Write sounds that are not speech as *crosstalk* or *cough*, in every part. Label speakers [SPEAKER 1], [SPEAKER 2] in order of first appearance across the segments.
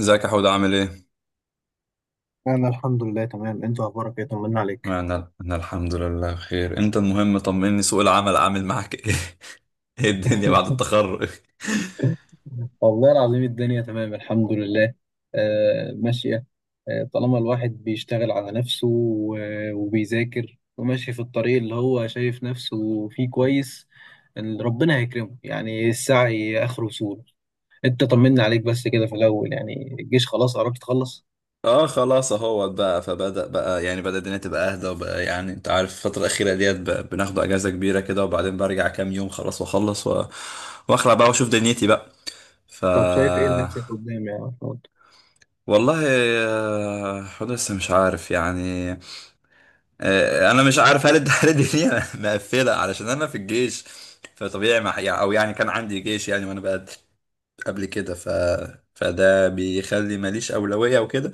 [SPEAKER 1] ازيك يا حود عامل ايه؟
[SPEAKER 2] أنا الحمد لله تمام، أنت أخبارك إيه؟ طمنا عليك.
[SPEAKER 1] انا الحمد لله بخير، انت المهم طمني، سوق العمل عامل معاك ايه؟ *laughs* ايه الدنيا بعد
[SPEAKER 2] *laughs*
[SPEAKER 1] التخرج؟
[SPEAKER 2] والله العظيم الدنيا تمام الحمد لله. آه، ماشية. آه، طالما الواحد بيشتغل على نفسه وبيذاكر وماشي في الطريق اللي هو شايف نفسه فيه كويس، إن ربنا هيكرمه، يعني السعي آخره سهولة. أنت طمنا عليك بس كده في الأول، يعني الجيش خلاص قربت تخلص؟
[SPEAKER 1] اه خلاص اهوت بقى، فبدأ بقى يعني بدأ الدنيا تبقى اهدى، وبقى يعني انت عارف الفترة الأخيرة ديت بناخد اجازة كبيرة كده، وبعدين برجع كام يوم خلاص واخلص واخلع بقى واشوف دنيتي بقى. ف
[SPEAKER 2] طب شايف إيه لنفسك قدام يا محمود؟
[SPEAKER 1] والله، حود لسه مش عارف يعني. انا مش عارف هل التحرير دي *laughs* مقفله علشان انا في الجيش، فطبيعي ما يعني او يعني كان عندي جيش يعني وانا بقى قبل كده. فده بيخلي ماليش اولويه وكده،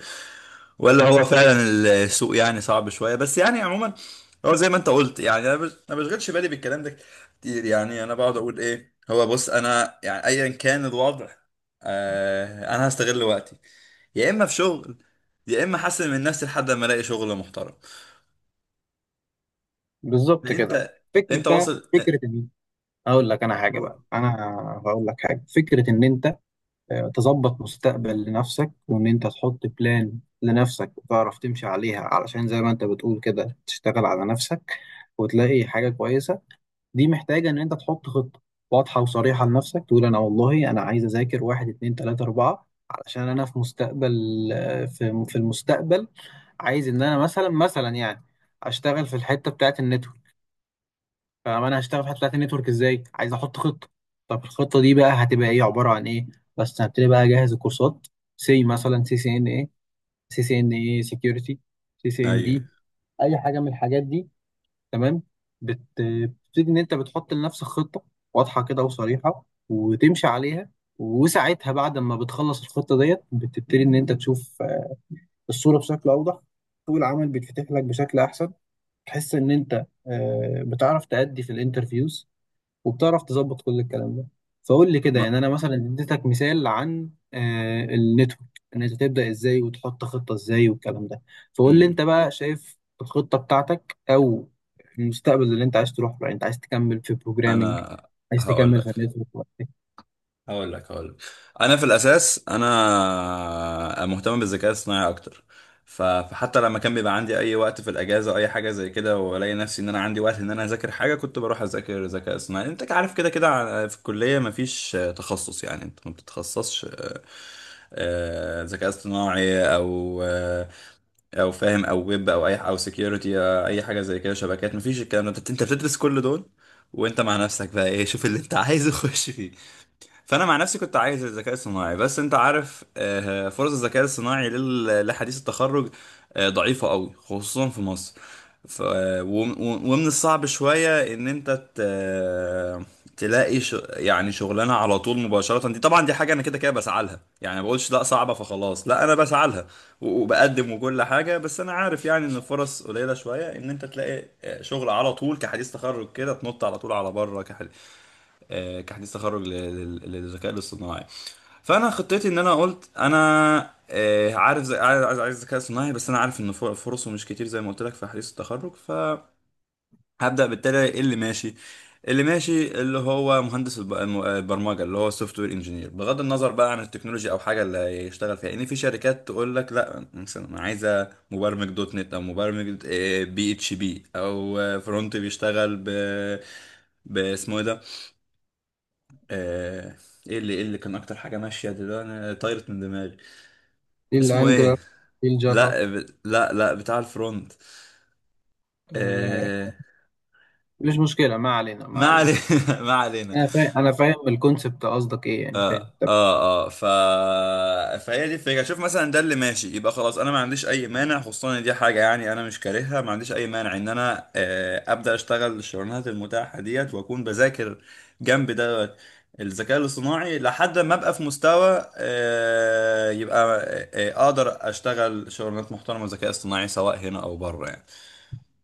[SPEAKER 1] ولا هو فعلا السوق يعني صعب شويه، بس يعني عموما هو زي ما انت قلت، يعني انا ما بشغلش بالي بالكلام ده كتير. يعني انا بقعد اقول ايه هو، بص انا يعني ايا كان الوضع، انا هستغل وقتي، يا اما في شغل، يا اما احسن من نفسي لحد ما الاقي شغل محترم.
[SPEAKER 2] بالظبط كده.
[SPEAKER 1] انت
[SPEAKER 2] فكرة
[SPEAKER 1] انت
[SPEAKER 2] بقى
[SPEAKER 1] واصل؟ اه،
[SPEAKER 2] فكرة إن هقول لك أنا حاجة
[SPEAKER 1] قول.
[SPEAKER 2] بقى، أنا هقول لك حاجة، فكرة إن أنت تظبط مستقبل لنفسك وان انت تحط بلان لنفسك وتعرف تمشي عليها علشان زي ما انت بتقول كده تشتغل على نفسك وتلاقي حاجة كويسة. دي محتاجة ان انت تحط خطة واضحة وصريحة لنفسك، تقول انا والله انا عايز اذاكر واحد اتنين تلاتة اربعة علشان انا في مستقبل. في المستقبل عايز ان انا مثلا يعني اشتغل في الحتة بتاعت النتورك. فانا هشتغل في الحته بتاعت النتورك ازاي؟ عايز احط خطه. طب الخطه دي بقى هتبقى ايه، عباره عن ايه؟ بس هبتدي بقى اجهز الكورسات. سي مثلا، سي سي ان ايه، سي سي ان ايه سكيورتي، سي سي ان
[SPEAKER 1] ايوه.
[SPEAKER 2] بي، اي حاجه من الحاجات دي. تمام. بتبتدي ان انت بتحط لنفسك خطه واضحه كده وصريحه وتمشي عليها. وساعتها بعد ما بتخلص الخطه ديت بتبتدي ان انت تشوف الصوره بشكل اوضح. سوق العمل بيتفتح لك بشكل احسن. تحس ان انت بتعرف تأدي في الانترفيوز وبتعرف تظبط كل الكلام ده. فقول لي كده،
[SPEAKER 1] ما...
[SPEAKER 2] يعني انا مثلا اديتك مثال عن النتورك، ان انت تبدا ازاي وتحط خطه ازاي والكلام ده. فقول لي انت
[SPEAKER 1] مم.
[SPEAKER 2] بقى شايف الخطه بتاعتك او المستقبل اللي انت عايز تروح له، يعني انت عايز تكمل في بروجرامنج،
[SPEAKER 1] انا
[SPEAKER 2] عايز
[SPEAKER 1] هقول
[SPEAKER 2] تكمل في
[SPEAKER 1] لك
[SPEAKER 2] النتورك ولا ايه؟
[SPEAKER 1] هقول لك، انا في الاساس انا مهتم بالذكاء الصناعي اكتر. فحتى لما كان بيبقى عندي اي وقت في الاجازه او اي حاجه زي كده والاقي نفسي ان انا عندي وقت ان انا اذاكر حاجه، كنت بروح اذاكر ذكاء صناعي. انت عارف، كده كده في الكليه مفيش تخصص. يعني انت ما بتتخصصش ذكاء اصطناعي او او فاهم، او ويب، او اي، او سكيورتي، او اي حاجه زي كده، شبكات، مفيش الكلام ده. انت بتدرس كل دول، وانت مع نفسك بقى ايه شوف اللي انت عايزه *laughs* خش فيه. فانا مع نفسي كنت عايز الذكاء الصناعي، بس انت عارف فرص الذكاء الصناعي لحديث التخرج ضعيفة قوي خصوصا في مصر. ف... وم- ومن الصعب شوية ان انت تلاقي يعني شغلانة على طول مباشرة. دي طبعا دي حاجة انا كده كده بسعى لها، يعني ما بقولش لا صعبة فخلاص، لا انا بسعى لها وبقدم وكل حاجة، بس انا عارف يعني ان الفرص قليلة شوية ان انت تلاقي شغل على طول كحديث تخرج كده تنط على طول على بره. كحديث تخرج للذكاء الاصطناعي، فانا خطتي ان انا قلت انا عارف زي عايز ذكاء اصطناعي، بس انا عارف ان فرصه مش كتير زي ما قلت لك في حديث التخرج، فهبدا بالتالي إيه اللي ماشي. اللي ماشي اللي هو مهندس البرمجه، اللي هو سوفت وير انجينير، بغض النظر بقى عن التكنولوجيا او حاجه اللي هيشتغل فيها، لان في شركات تقول لك لا مثلا انا عايزه مبرمج دوت نت، او مبرمج بي اتش بي، او فرونت بيشتغل باسمه ايه ده؟ آه، ايه اللي كان اكتر حاجه ماشيه دلوقتي، انا طايرت من دماغي
[SPEAKER 2] إيه
[SPEAKER 1] اسمه
[SPEAKER 2] الانجلر،
[SPEAKER 1] ايه؟
[SPEAKER 2] ايه الجافا؟
[SPEAKER 1] لا لا، لا، بتاع الفرونت.
[SPEAKER 2] آه،
[SPEAKER 1] آه...
[SPEAKER 2] مش مشكله، ما علينا ما
[SPEAKER 1] ما
[SPEAKER 2] علينا.
[SPEAKER 1] علينا *laughs* ما علينا.
[SPEAKER 2] انا فاهم الكونسبت، قصدك ايه يعني، فاهم.
[SPEAKER 1] اه، اه، اه، فهي دي الفكره، شوف مثلا ده اللي ماشي يبقى خلاص انا ما عنديش اي مانع، خصوصا ان دي حاجه يعني انا مش كارهها، ما عنديش اي مانع ان انا ابدا اشتغل الشغلانات المتاحه ديت، واكون بذاكر جنب ده الذكاء الاصطناعي لحد ما ابقى في مستوى يبقى اقدر اشتغل شغلانات محترمه ذكاء اصطناعي، سواء هنا او بره يعني.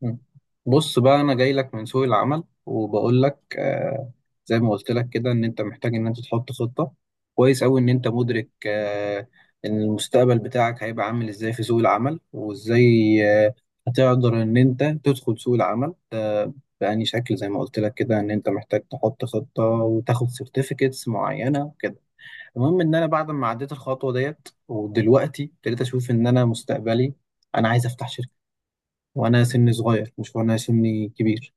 [SPEAKER 2] مم. بص بقى، انا جاي لك من سوق العمل وبقول لك، زي ما قلت لك كده ان انت محتاج ان انت تحط خطة. كويس قوي ان انت مدرك ان المستقبل بتاعك هيبقى عامل ازاي في سوق العمل، وازاي آه هتقدر ان انت تدخل سوق العمل ده بأني شكل، زي ما قلت لك كده ان انت محتاج تحط خطة وتاخد سيرتيفيكتس معينة وكده. المهم ان انا بعد ما عديت الخطوة ديت ودلوقتي ابتديت اشوف ان انا مستقبلي، انا عايز افتح شركة وانا سني صغير، مش وانا سني كبير.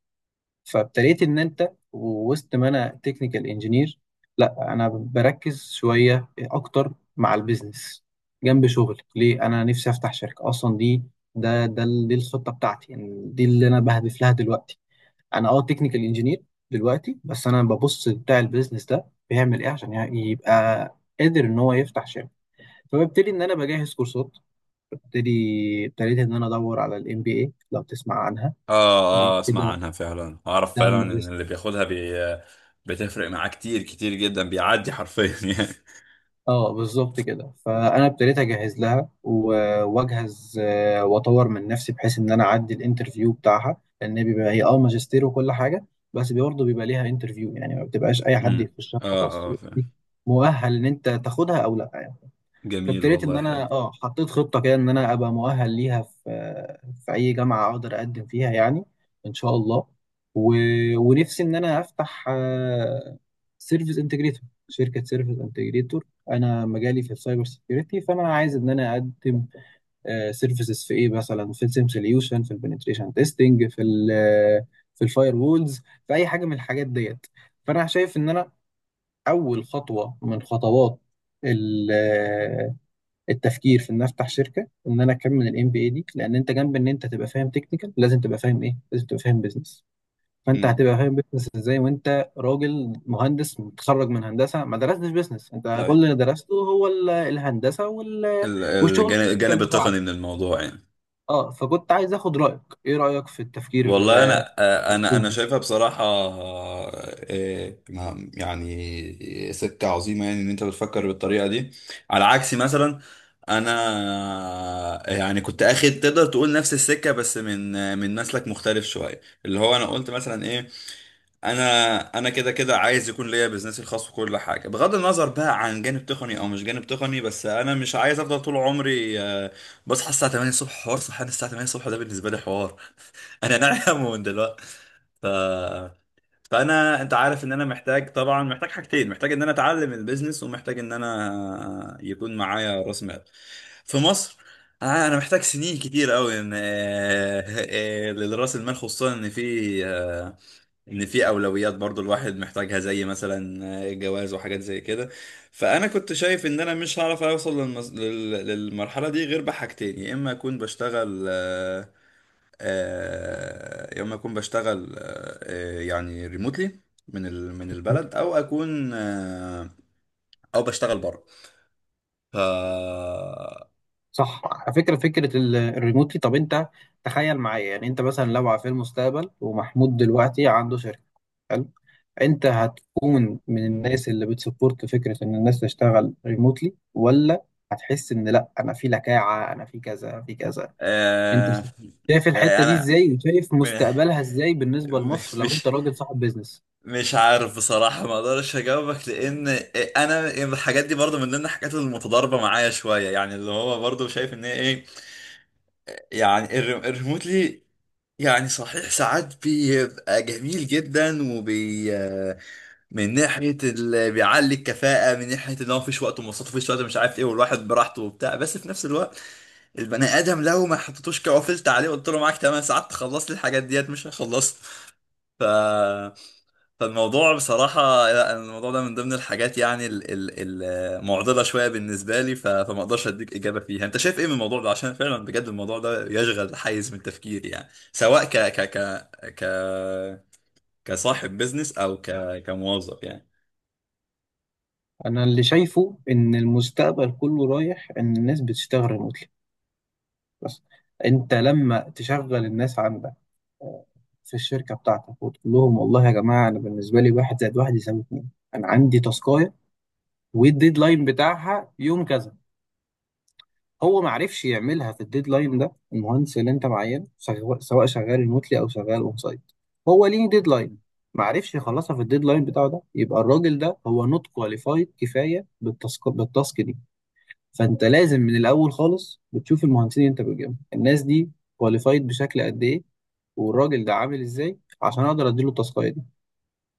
[SPEAKER 2] فابتديت ان انت وسط ما انا تكنيكال انجينير، لا انا بركز شويه اكتر مع البيزنس جنب شغل، ليه؟ انا نفسي افتح شركه اصلا، دي دي الخطه بتاعتي، يعني دي اللي انا بهدف لها دلوقتي. انا تكنيكال انجينير دلوقتي، بس انا ببص بتاع البيزنس ده بيعمل ايه عشان يعني يبقى قادر ان هو يفتح شركه. فببتدي ان انا بجهز كورسات. ببتدي ابتديت ان انا ادور على الام بي اي، لو تسمع عنها. دي
[SPEAKER 1] اه، اه، اسمع
[SPEAKER 2] كده،
[SPEAKER 1] عنها فعلا، اعرف
[SPEAKER 2] نعم،
[SPEAKER 1] فعلا ان
[SPEAKER 2] ماجستير.
[SPEAKER 1] اللي بياخدها بتفرق معاه كتير كتير جدا، بيعدي حرفيا *laughs* يعني.
[SPEAKER 2] اه، بالظبط كده. فانا ابتديت اجهز لها واجهز، واطور من نفسي بحيث ان انا اعدي الانترفيو بتاعها، لان بيبقى هي ماجستير وكل حاجه. بس برضه بيبقى ليها انترفيو، يعني ما بتبقاش اي حد
[SPEAKER 1] امم.
[SPEAKER 2] يخشها
[SPEAKER 1] اه،
[SPEAKER 2] خلاص
[SPEAKER 1] اه،
[SPEAKER 2] يبقى
[SPEAKER 1] فاهم.
[SPEAKER 2] ليك، مؤهل ان انت تاخدها او لا.
[SPEAKER 1] جميل،
[SPEAKER 2] فابتديت ان
[SPEAKER 1] والله حلو.
[SPEAKER 2] انا حطيت خطه كده ان انا ابقى مؤهل ليها في في اي جامعه اقدر اقدم فيها يعني، ان شاء الله. و... ونفسي ان انا افتح سيرفيس انتجريتور، شركه سيرفيس انتجريتور. انا مجالي في السايبر سيكيورتي، فانا عايز ان انا اقدم سيرفيسز في ايه، مثلا في السيم سوليوشن، في البنتريشن تيستنج، في الفاير وولز، في اي حاجه من الحاجات ديت. فانا شايف ان انا اول خطوه من خطوات التفكير في ان افتح شركه وان انا اكمل الام بي اي دي، لان انت جنب ان انت تبقى فاهم تكنيكال لازم تبقى فاهم ايه، لازم تبقى فاهم بزنس. فانت
[SPEAKER 1] امم.
[SPEAKER 2] هتبقى فاهم بزنس ازاي وانت راجل مهندس متخرج من هندسه ما درستش بزنس، انت كل
[SPEAKER 1] طيب
[SPEAKER 2] اللي درسته هو الهندسه والشغل
[SPEAKER 1] الجانب
[SPEAKER 2] التكنيكال
[SPEAKER 1] الجانب
[SPEAKER 2] بتاعك.
[SPEAKER 1] التقني من الموضوع يعني.
[SPEAKER 2] اه فكنت عايز اخد رايك، ايه رايك في التفكير،
[SPEAKER 1] والله انا انا انا شايفها بصراحه، يعني سكه عظيمه يعني ان انت بتفكر بالطريقه دي. على عكسي مثلا، انا يعني كنت اخد، تقدر تقول نفس السكه بس من من مسلك مختلف شويه، اللي هو انا قلت مثلا ايه، انا انا كده كده عايز يكون ليا بزنسي الخاص وكل حاجه، بغض النظر بقى عن جانب تقني او مش جانب تقني، بس انا مش عايز افضل طول عمري بصحى الساعه 8 الصبح. حوار صحيان الساعه 8 الصبح ده بالنسبه لي حوار. *laughs* انا نايم من دلوقتي. ف... فانا انت عارف ان انا محتاج، طبعا محتاج حاجتين: محتاج ان انا اتعلم البيزنس، ومحتاج ان انا يكون معايا راس مال. في مصر انا محتاج سنين كتير قوي ان لراس المال، خصوصا ان في ان في اولويات برضو الواحد محتاجها، زي مثلا جواز وحاجات زي كده. فانا كنت شايف ان انا مش هعرف اوصل للمرحله دي غير بحاجتين: يا اما اكون بشتغل يا اما اكون بشتغل يعني ريموتلي من من البلد، او اكون او بشتغل بره. ف
[SPEAKER 2] صح؟ على فكره، فكره الريموتلي. طب انت تخيل معايا، يعني انت مثلا لو في المستقبل ومحمود دلوقتي عنده شركه، حلو، انت هتكون من الناس اللي بتسبورت فكره ان الناس تشتغل ريموتلي، ولا هتحس ان لا انا في لكاعه انا في كذا في كذا؟ انت
[SPEAKER 1] آه،
[SPEAKER 2] س- شايف الحته دي
[SPEAKER 1] انا
[SPEAKER 2] ازاي وشايف
[SPEAKER 1] *laughs*
[SPEAKER 2] مستقبلها ازاي بالنسبه لمصر، لو انت
[SPEAKER 1] مش
[SPEAKER 2] راجل صاحب بيزنس.
[SPEAKER 1] مش عارف بصراحة، ما اقدرش اجاوبك، لان انا الحاجات دي برضو من ضمن الحاجات المتضاربة معايا شوية، يعني اللي هو برضو شايف ان هي ايه، يعني الريموتلي يعني صحيح ساعات بيبقى جميل جدا من ناحية اللي بيعلي الكفاءة، من ناحية ان هو مفيش وقت ومواصلات، مفيش وقت، مش عارف ايه، والواحد براحته وبتاع، بس في نفس الوقت البني ادم لو ما حطيتوش كوفلت عليه، قلت له معاك 8 ساعات تخلص لي الحاجات ديت، مش هيخلصها. ف فالموضوع بصراحة، لا، الموضوع ده من ضمن الحاجات يعني المعضلة شوية بالنسبة لي، فما اقدرش اديك إجابة فيها. انت شايف ايه من الموضوع ده؟ عشان فعلا بجد الموضوع ده يشغل حيز من تفكيري، يعني سواء ك ك ك ك كصاحب بيزنس او كموظف يعني.
[SPEAKER 2] انا اللي شايفه ان المستقبل كله رايح ان الناس بتشتغل ريموتلي. بس انت لما تشغل الناس عندك آه، في الشركه بتاعتك وتقول لهم والله يا جماعه انا بالنسبه لي واحد زائد واحد يساوي اتنين، انا عندي تاسكايه والديدلاين بتاعها يوم كذا. هو ما عرفش يعملها في الديدلاين ده، المهندس اللي انت معينه سواء شغال ريموتلي او شغال اون سايت، هو ليه ديدلاين، ما عرفش يخلصها في الديدلاين بتاعه ده، يبقى الراجل ده هو نوت كواليفايد كفايه بالتاسك دي. فانت لازم من الاول خالص بتشوف المهندسين اللي انت بتجيبهم، الناس دي كواليفايد بشكل قد ايه، والراجل ده عامل ازاي عشان اقدر اديله التاسكايه دي.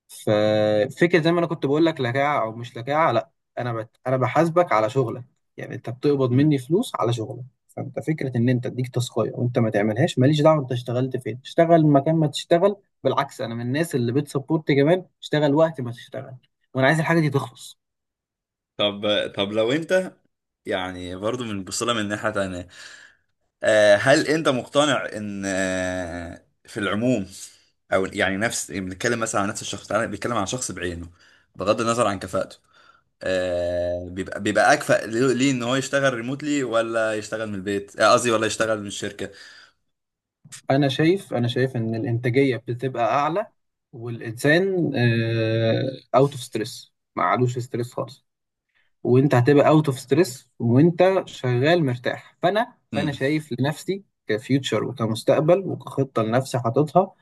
[SPEAKER 2] ففكرة زي ما انا كنت بقول لك، لكاعة او مش لكاعة، لا، انا بحاسبك على شغلك، يعني انت بتقبض
[SPEAKER 1] مم.
[SPEAKER 2] مني فلوس على شغلك. فانت فكرة ان انت اديك تاسكايه وانت ما تعملهاش ماليش دعوة، انت اشتغلت فين اشتغل مكان ما تشتغل. بالعكس انا من الناس اللي بتسبورت كمان اشتغل وقت ما تشتغل، وانا عايز الحاجة دي تخلص.
[SPEAKER 1] طب طب لو انت، يعني برضو من بصلة من ناحية تانية، هل انت مقتنع ان في العموم، او يعني نفس، بنتكلم مثلا عن نفس الشخص، تعالى بنتكلم عن شخص بعينه بغض النظر عن كفاءته، بيبقى اكفأ، ليه ان هو يشتغل ريموتلي ولا يشتغل من البيت، قصدي ولا يشتغل من الشركه؟
[SPEAKER 2] انا شايف ان الانتاجية بتبقى اعلى، والانسان اوت اوف ستريس، ما علوش ستريس خالص. وانت هتبقى اوت اوف ستريس وانت شغال مرتاح. فانا
[SPEAKER 1] امم.
[SPEAKER 2] شايف لنفسي كفيوتشر وكمستقبل وكخطه لنفسي حاططها،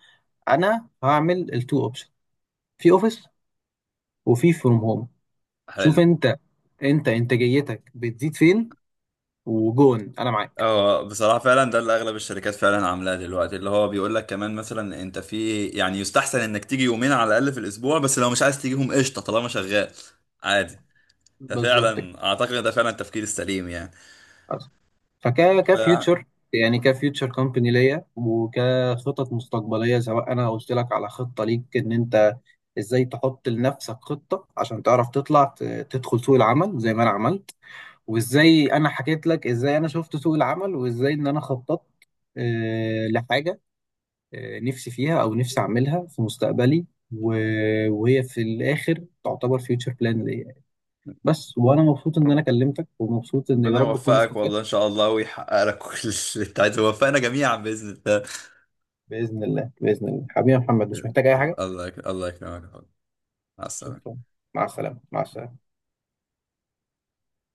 [SPEAKER 2] انا هعمل التو اوبشن، في اوفيس وفي فروم هوم. شوف
[SPEAKER 1] حلو.
[SPEAKER 2] انت انتاجيتك بتزيد فين، وجون انا معاك.
[SPEAKER 1] اه، بصراحه فعلا ده اللي اغلب الشركات فعلا عاملاه دلوقتي، اللي هو بيقول لك كمان مثلا انت، في يعني يستحسن انك تيجي يومين على الاقل في الاسبوع، بس لو مش عايز تجيهم قشطه طالما شغال عادي.
[SPEAKER 2] بالظبط
[SPEAKER 1] ففعلا اعتقد ده فعلا التفكير السليم يعني.
[SPEAKER 2] أصلاً. فك
[SPEAKER 1] ف
[SPEAKER 2] كفيوتشر، يعني كفيوتشر كومباني ليا، وكخطط مستقبليه سواء انا قلت لك على خطه ليك ان انت ازاي تحط لنفسك خطه عشان تعرف تطلع تدخل سوق العمل زي ما انا عملت، وازاي انا حكيت لك ازاي انا شفت سوق العمل، وازاي ان انا خططت لحاجه نفسي فيها او نفسي اعملها في مستقبلي. وهي في الاخر تعتبر فيوتشر بلان ليا بس. وانا مبسوط ان انا كلمتك ومبسوط ان يا
[SPEAKER 1] ربنا
[SPEAKER 2] رب تكون
[SPEAKER 1] يوفقك
[SPEAKER 2] استفدت.
[SPEAKER 1] والله، ان شاء الله ويحقق لك *laughs* كل اللي انت عايزه ويوفقنا جميعا باذن
[SPEAKER 2] بإذن الله بإذن الله، حبيبي يا محمد، مش محتاج أي
[SPEAKER 1] الله.
[SPEAKER 2] حاجة.
[SPEAKER 1] الله الله يكرمك. مع السلامه.
[SPEAKER 2] شكرا. مع السلامة مع السلامة.